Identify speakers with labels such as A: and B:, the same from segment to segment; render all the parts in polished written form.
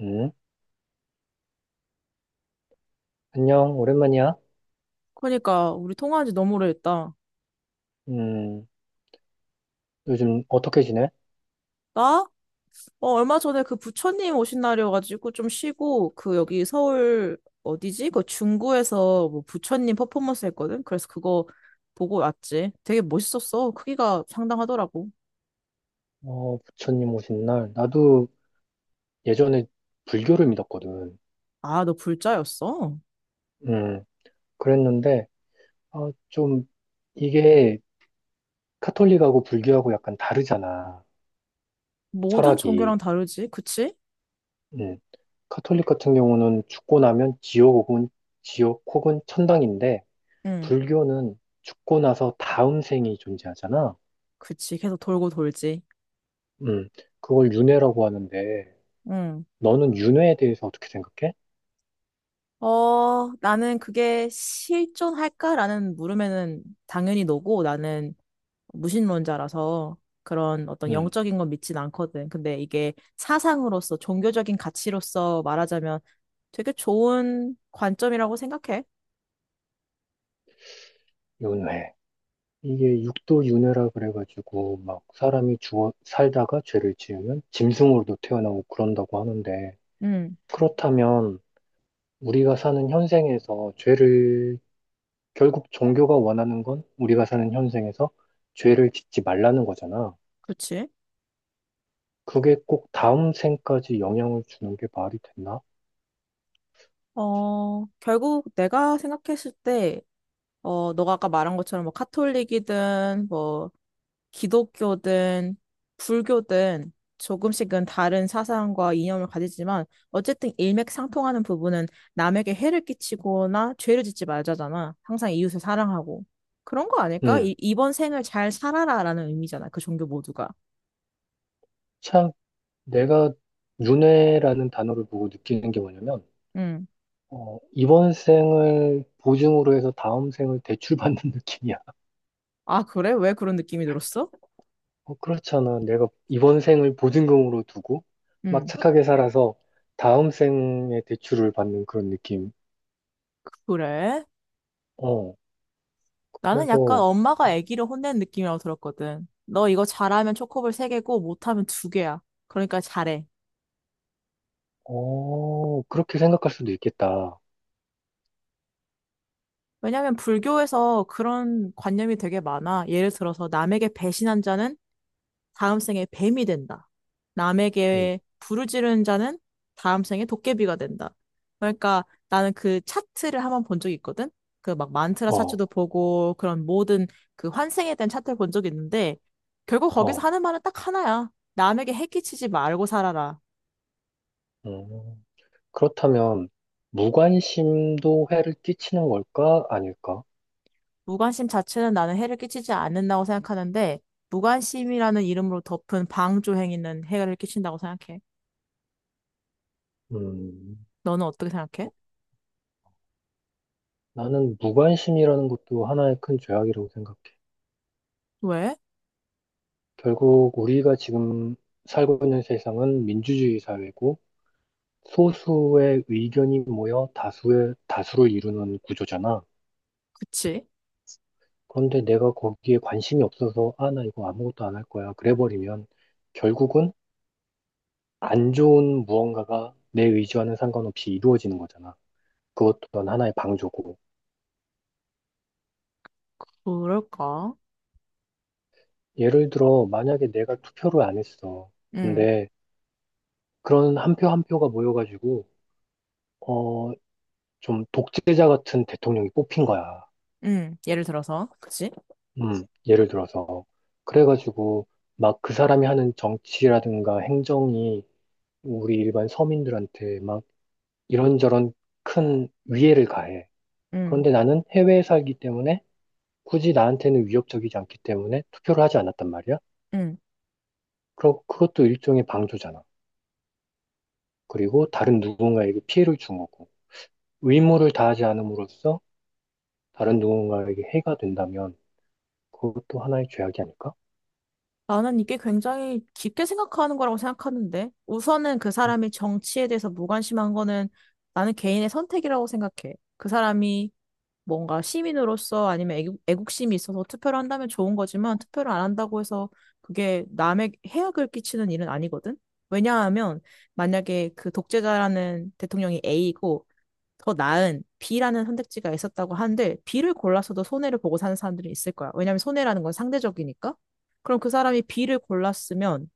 A: 음, 안녕, 오랜만이야.
B: 그러니까 우리 통화한 지 너무 오래됐다.
A: 음, 요즘 어떻게 지내?
B: 나? 얼마 전에 그 부처님 오신 날이어가지고 좀 쉬고 그 여기 서울 어디지? 그 중구에서 뭐 부처님 퍼포먼스 했거든. 그래서 그거 보고 왔지. 되게 멋있었어. 크기가 상당하더라고.
A: 어, 부처님 오신 날. 나도 예전에 불교를 믿었거든.
B: 아, 너 불자였어?
A: 음, 그랬는데, 아, 좀, 이게 카톨릭하고 불교하고 약간 다르잖아.
B: 모든
A: 철학이.
B: 종교랑 다르지, 그치?
A: 음, 카톨릭 같은 경우는 죽고 나면 지옥 혹은, 지옥 혹은 천당인데,
B: 응,
A: 불교는 죽고 나서 다음 생이 존재하잖아.
B: 그치. 계속 돌고 돌지.
A: 음, 그걸 윤회라고 하는데,
B: 응.
A: 너는 윤회에 대해서 어떻게 생각해?
B: 나는 그게 실존할까라는 물음에는 당연히 너고 나는 무신론자라서 그런 어떤
A: 음.
B: 영적인 건 믿진 않거든. 근데 이게 사상으로서 종교적인 가치로서 말하자면 되게 좋은 관점이라고 생각해.
A: 윤회. 이게 육도 윤회라 그래가지고 막 사람이 주어 살다가 죄를 지으면 짐승으로도 태어나고 그런다고 하는데
B: 음.
A: 그렇다면 우리가 사는 현생에서 죄를 결국 종교가 원하는 건 우리가 사는 현생에서 죄를 짓지 말라는 거잖아.
B: 그렇지.
A: 그게 꼭 다음 생까지 영향을 주는 게 말이 됐나?
B: 결국 내가 생각했을 때 너가 아까 말한 것처럼 뭐 카톨릭이든 뭐 기독교든 불교든 조금씩은 다른 사상과 이념을 가지지만 어쨌든 일맥상통하는 부분은 남에게 해를 끼치거나 죄를 짓지 말자잖아. 항상 이웃을 사랑하고. 그런 거 아닐까?
A: 음.
B: 이번 생을 잘 살아라라는 의미잖아. 그 종교 모두가.
A: 참 내가 윤회라는 단어를 보고 느끼는 게 뭐냐면
B: 음.
A: 어, 이번 생을 보증으로 해서 다음 생을 대출받는 느낌이야.
B: 아, 그래? 왜 그런 느낌이 들었어?
A: 어, 그렇잖아. 내가 이번 생을 보증금으로 두고 막
B: 음.
A: 착하게 살아서 다음 생에 대출을 받는 그런 느낌.
B: 그래?
A: 어,
B: 나는 약간
A: 그래서,
B: 엄마가 아기를 혼낸 느낌이라고 들었거든. 너 이거 잘하면 초코볼 세개고 못하면 두개야. 그러니까 잘해.
A: 어, 그렇게 생각할 수도 있겠다.
B: 왜냐면 하 불교에서 그런 관념이 되게 많아. 예를 들어서 남에게 배신한 자는 다음 생에 뱀이 된다.
A: 음,
B: 남에게 부르짖른 자는 다음 생에 도깨비가 된다. 그러니까 나는 그 차트를 한번 본 적이 있거든. 그 막 만트라
A: 어,
B: 차트도 보고 그런 모든 그 환생에 대한 차트를 본 적이 있는데 결국 거기서
A: 어,
B: 하는 말은 딱 하나야. 남에게 해끼치지 말고 살아라.
A: 음. 그렇다면, 무관심도 해를 끼치는 걸까? 아닐까?
B: 무관심 자체는 나는 해를 끼치지 않는다고 생각하는데, 무관심이라는 이름으로 덮은 방조 행위는 해를 끼친다고 생각해.
A: 음,
B: 너는 어떻게 생각해?
A: 나는 무관심이라는 것도 하나의 큰 죄악이라고 생각해.
B: 왜?
A: 결국 우리가 지금 살고 있는 세상은 민주주의 사회고 소수의 의견이 모여 다수의 다수를 이루는 구조잖아.
B: 그치?
A: 그런데 내가 거기에 관심이 없어서 아, 나 이거 아무것도 안 할 거야. 그래 버리면 결국은 안 좋은 무언가가 내 의지와는 상관없이 이루어지는 거잖아. 그것 또한 하나의 방조고.
B: 그럴까?
A: 예를 들어 만약에 내가 투표를 안 했어.
B: 응,
A: 근데 그런 한 표 한 표가 모여가지고 어, 좀 독재자 같은 대통령이 뽑힌 거야.
B: 응. 예를 들어서, 그치?
A: 예를 들어서. 그래가지고, 막 그 사람이 하는 정치라든가 행정이 우리 일반 서민들한테 막 이런저런 큰 위해를 가해.
B: 응,
A: 그런데 나는 해외에 살기 때문에 굳이 나한테는 위협적이지 않기 때문에 투표를 하지 않았단 말이야.
B: 응.
A: 그럼 그것도 일종의 방조잖아. 그리고 다른 누군가에게 피해를 준 거고. 의무를 다하지 않음으로써 다른 누군가에게 해가 된다면 그것도 하나의 죄악이 아닐까?
B: 나는 이게 굉장히 깊게 생각하는 거라고 생각하는데, 우선은 그
A: 음,
B: 사람이 정치에 대해서 무관심한 거는 나는 개인의 선택이라고 생각해. 그 사람이 뭔가 시민으로서 아니면 애국, 애국심이 있어서 투표를 한다면 좋은 거지만 투표를 안 한다고 해서 그게 남의 해악을 끼치는 일은 아니거든? 왜냐하면 만약에 그 독재자라는 대통령이 A이고 더 나은 B라는 선택지가 있었다고 한들 B를 골라서도 손해를 보고 사는 사람들이 있을 거야. 왜냐하면 손해라는 건 상대적이니까. 그럼 그 사람이 B를 골랐으면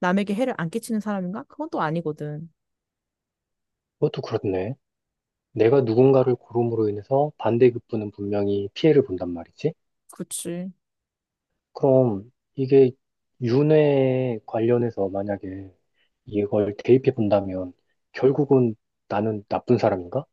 B: 남에게 해를 안 끼치는 사람인가? 그건 또 아니거든.
A: 그것도 그렇네. 내가 누군가를 고름으로 인해서 반대급부는 분명히 피해를 본단 말이지.
B: 그치.
A: 그럼 이게 윤회 관련해서 만약에 이걸 대입해 본다면 결국은 나는 나쁜 사람인가?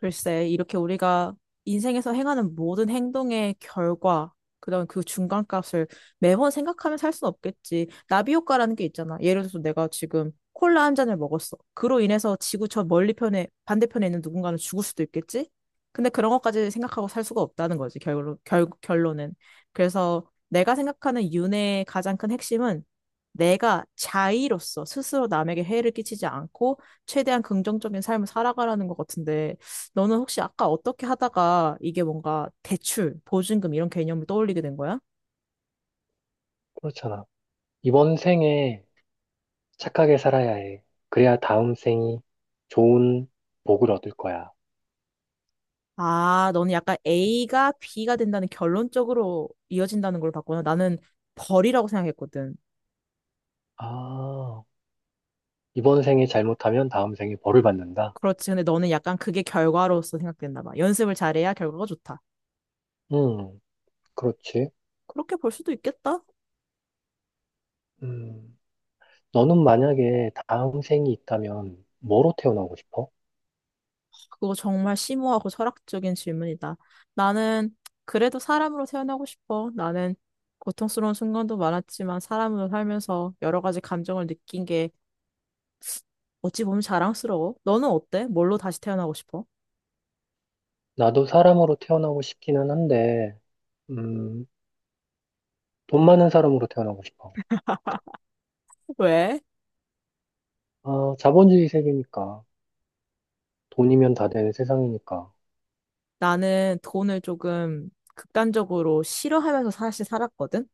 B: 글쎄, 이렇게 우리가 인생에서 행하는 모든 행동의 결과, 그다음 그 중간값을 매번 생각하면서 할 수는 없겠지. 나비 효과라는 게 있잖아. 예를 들어서 내가 지금 콜라 한 잔을 먹었어. 그로 인해서 지구 저 멀리 편에 반대편에 있는 누군가는 죽을 수도 있겠지. 근데 그런 것까지 생각하고 살 수가 없다는 거지. 결론 결론은. 그래서 내가 생각하는 윤회의 가장 큰 핵심은 내가 자의로서 스스로 남에게 해를 끼치지 않고 최대한 긍정적인 삶을 살아가라는 것 같은데 너는 혹시 아까 어떻게 하다가 이게 뭔가 대출, 보증금 이런 개념을 떠올리게 된 거야?
A: 그렇잖아. 이번 생에 착하게 살아야 해. 그래야 다음 생이 좋은 복을 얻을 거야.
B: 아, 너는 약간 A가 B가 된다는 결론적으로 이어진다는 걸 봤구나. 나는 벌이라고 생각했거든.
A: 아, 이번 생에 잘못하면 다음 생에 벌을 받는다.
B: 그렇지. 근데 너는 약간 그게 결과로서 생각됐나 봐. 연습을 잘해야 결과가 좋다.
A: 음, 그렇지.
B: 그렇게 볼 수도 있겠다.
A: 음. 너는 만약에 다음 생이 있다면 뭐로 태어나고 싶어?
B: 그거 정말 심오하고 철학적인 질문이다. 나는 그래도 사람으로 태어나고 싶어. 나는 고통스러운 순간도 많았지만 사람으로 살면서 여러 가지 감정을 느낀 게 어찌 보면 자랑스러워. 너는 어때? 뭘로 다시 태어나고 싶어?
A: 나도 사람으로 태어나고 싶기는 한데, 음, 돈 많은 사람으로 태어나고 싶어.
B: 왜?
A: 아, 자본주의 세계니까. 돈이면 다 되는 세상이니까.
B: 나는 돈을 조금 극단적으로 싫어하면서 사실 살았거든?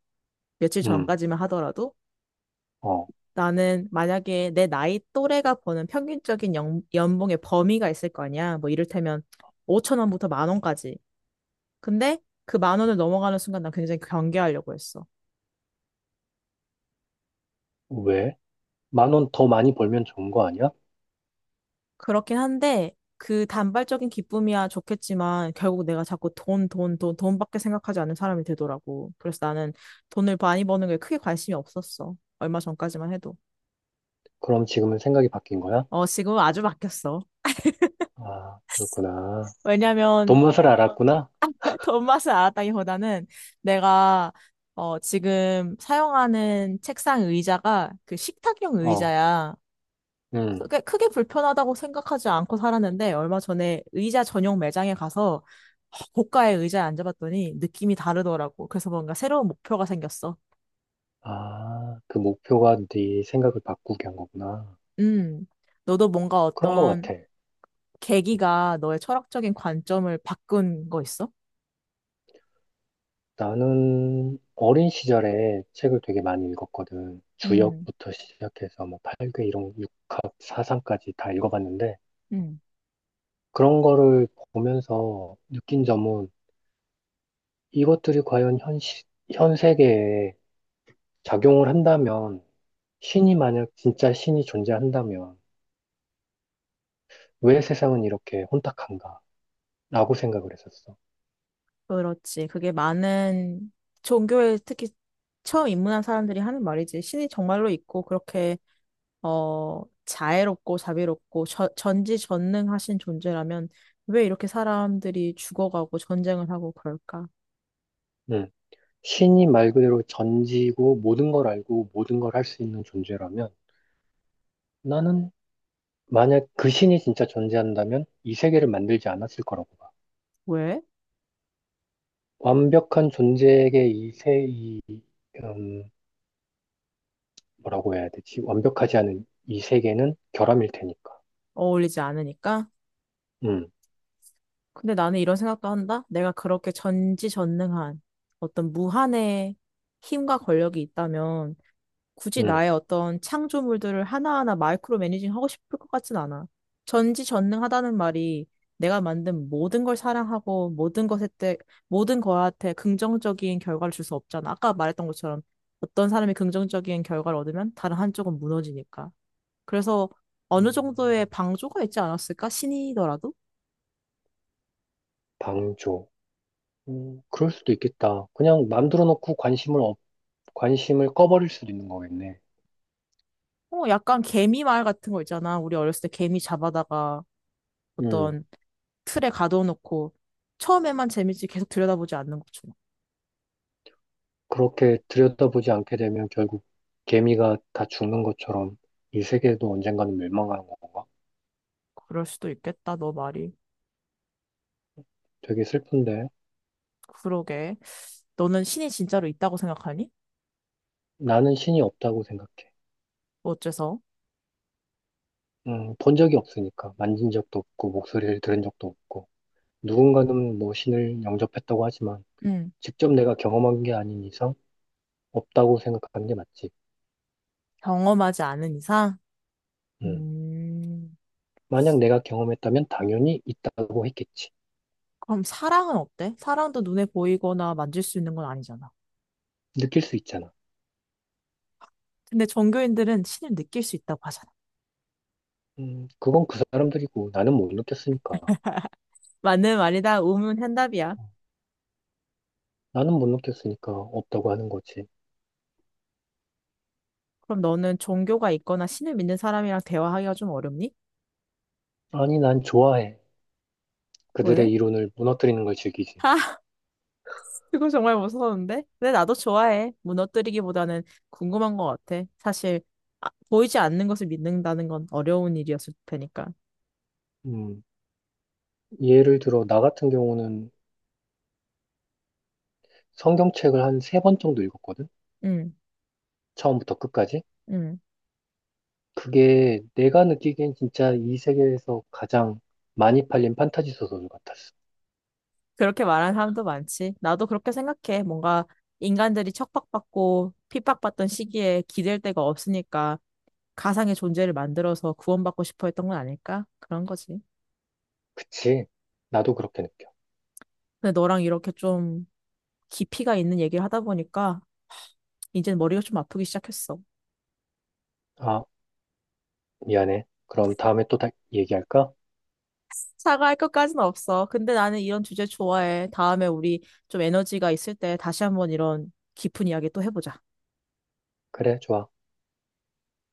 B: 며칠
A: 음,
B: 전까지만 하더라도.
A: 어,
B: 나는 만약에 내 나이 또래가 버는 평균적인 연, 연봉의 범위가 있을 거 아니야. 뭐 이를테면 5천 원부터 만 원까지. 근데 그 만 원을 넘어가는 순간 난 굉장히 경계하려고 했어.
A: 왜? 10,000원 더 많이 벌면 좋은 거 아니야?
B: 그렇긴 한데 그 단발적인 기쁨이야 좋겠지만 결국 내가 자꾸 돈, 돈, 돈, 돈밖에 생각하지 않는 사람이 되더라고. 그래서 나는 돈을 많이 버는 거에 크게 관심이 없었어. 얼마 전까지만 해도.
A: 그럼 지금은 생각이 바뀐 거야?
B: 지금은 아주 바뀌었어.
A: 아, 그렇구나.
B: 왜냐면
A: 돈 맛을 알았구나?
B: 돈 맛을 알았다기보다는 내가 지금 사용하는 책상 의자가 그 식탁용
A: 어,
B: 의자야.
A: 음.
B: 크게, 크게 불편하다고 생각하지 않고 살았는데 얼마 전에 의자 전용 매장에 가서 고가의 의자에 앉아봤더니 느낌이 다르더라고. 그래서 뭔가 새로운 목표가 생겼어.
A: 아, 그 목표가 네 생각을 바꾸게 한 거구나.
B: 음, 너도 뭔가
A: 그런 거
B: 어떤
A: 같아. 음.
B: 계기가 너의 철학적인 관점을 바꾼 거 있어?
A: 나는 어린 시절에 책을 되게 많이 읽었거든.
B: 음,
A: 주역부터 시작해서 뭐 팔괘, 일용, 육합, 사상까지 다 읽어봤는데
B: 음,
A: 그런 거를 보면서 느낀 점은 이것들이 과연 현 세계에 작용을 한다면 신이 만약 진짜 신이 존재한다면 왜 세상은 이렇게 혼탁한가? 라고 생각을 했었어.
B: 그렇지. 그게 많은 종교에 특히 처음 입문한 사람들이 하는 말이지. 신이 정말로 있고 그렇게 자애롭고 자비롭고 전지전능하신 존재라면 왜 이렇게 사람들이 죽어가고 전쟁을 하고 그럴까?
A: 음, 신이 말 그대로 전지고 모든 걸 알고 모든 걸 할 수 있는 존재라면 나는 만약 그 신이 진짜 존재한다면 이 세계를 만들지 않았을 거라고 봐.
B: 왜?
A: 완벽한 존재에게 음, 뭐라고 해야 되지? 완벽하지 않은 이 세계는 결함일 테니까.
B: 어울리지 않으니까?
A: 음,
B: 근데 나는 이런 생각도 한다. 내가 그렇게 전지전능한 어떤 무한의 힘과 권력이 있다면 굳이
A: 음,
B: 나의 어떤 창조물들을 하나하나 마이크로 매니징 하고 싶을 것 같진 않아. 전지전능하다는 말이 내가 만든 모든 걸 사랑하고 모든 것에 대, 모든 거한테 긍정적인 결과를 줄 수 없잖아. 아까 말했던 것처럼 어떤 사람이 긍정적인 결과를 얻으면 다른 한쪽은 무너지니까. 그래서 어느 정도의
A: 음,
B: 방조가 있지 않았을까? 신이더라도?
A: 방조. 그럴 수도 있겠다. 그냥 만들어 놓고 관심을 꺼버릴 수도 있는 거겠네.
B: 약간 개미 말 같은 거 있잖아. 우리 어렸을 때 개미 잡아다가
A: 음,
B: 어떤 틀에 가둬놓고 처음에만 재밌지 계속 들여다보지 않는 것처럼.
A: 그렇게 들여다보지 않게 되면 결국 개미가 다 죽는 것처럼 이 세계도 언젠가는 멸망하는 건가?
B: 그럴 수도 있겠다, 너 말이.
A: 되게 슬픈데.
B: 그러게. 너는 신이 진짜로 있다고 생각하니?
A: 나는 신이 없다고 생각해.
B: 어째서?
A: 본 적이 없으니까. 만진 적도 없고, 목소리를 들은 적도 없고. 누군가는 뭐 신을 영접했다고 하지만,
B: 응.
A: 직접 내가 경험한 게 아닌 이상, 없다고 생각하는 게 맞지.
B: 경험하지 않은 이상?
A: 음,
B: 음.
A: 만약 내가 경험했다면 당연히 있다고 했겠지.
B: 그럼 사랑은 어때? 사랑도 눈에 보이거나 만질 수 있는 건 아니잖아.
A: 느낄 수 있잖아.
B: 근데 종교인들은 신을 느낄 수 있다고 하잖아.
A: 그건 그 사람들이고, 나는 못 느꼈으니까.
B: 맞는 말이다. 우문현답이야.
A: 나는 못 느꼈으니까 없다고 하는 거지.
B: 그럼 너는 종교가 있거나 신을 믿는 사람이랑 대화하기가 좀 어렵니?
A: 아니, 난 좋아해.
B: 왜?
A: 그들의 이론을 무너뜨리는 걸 즐기지.
B: 그거 정말 무서운데? 근데 나도 좋아해. 무너뜨리기보다는 궁금한 것 같아. 사실, 아, 보이지 않는 것을 믿는다는 건 어려운 일이었을 테니까.
A: 음, 예를 들어, 나 같은 경우는 성경책을 한 세 번 정도 읽었거든?
B: 응,
A: 처음부터 끝까지?
B: 응.
A: 그게 내가 느끼기엔 진짜 이 세계에서 가장 많이 팔린 판타지 소설 같았어.
B: 그렇게 말하는 사람도 많지. 나도 그렇게 생각해. 뭔가 인간들이 척박받고 핍박받던 시기에 기댈 데가 없으니까 가상의 존재를 만들어서 구원받고 싶어 했던 건 아닐까? 그런 거지.
A: 그치? 나도 그렇게 느껴.
B: 근데 너랑 이렇게 좀 깊이가 있는 얘기를 하다 보니까 이제 머리가 좀 아프기 시작했어.
A: 아, 미안해. 그럼 다음에 또 다 얘기할까?
B: 사과할 것까진 없어. 근데 나는 이런 주제 좋아해. 다음에 우리 좀 에너지가 있을 때 다시 한번 이런 깊은 이야기 또 해보자.
A: 그래, 좋아.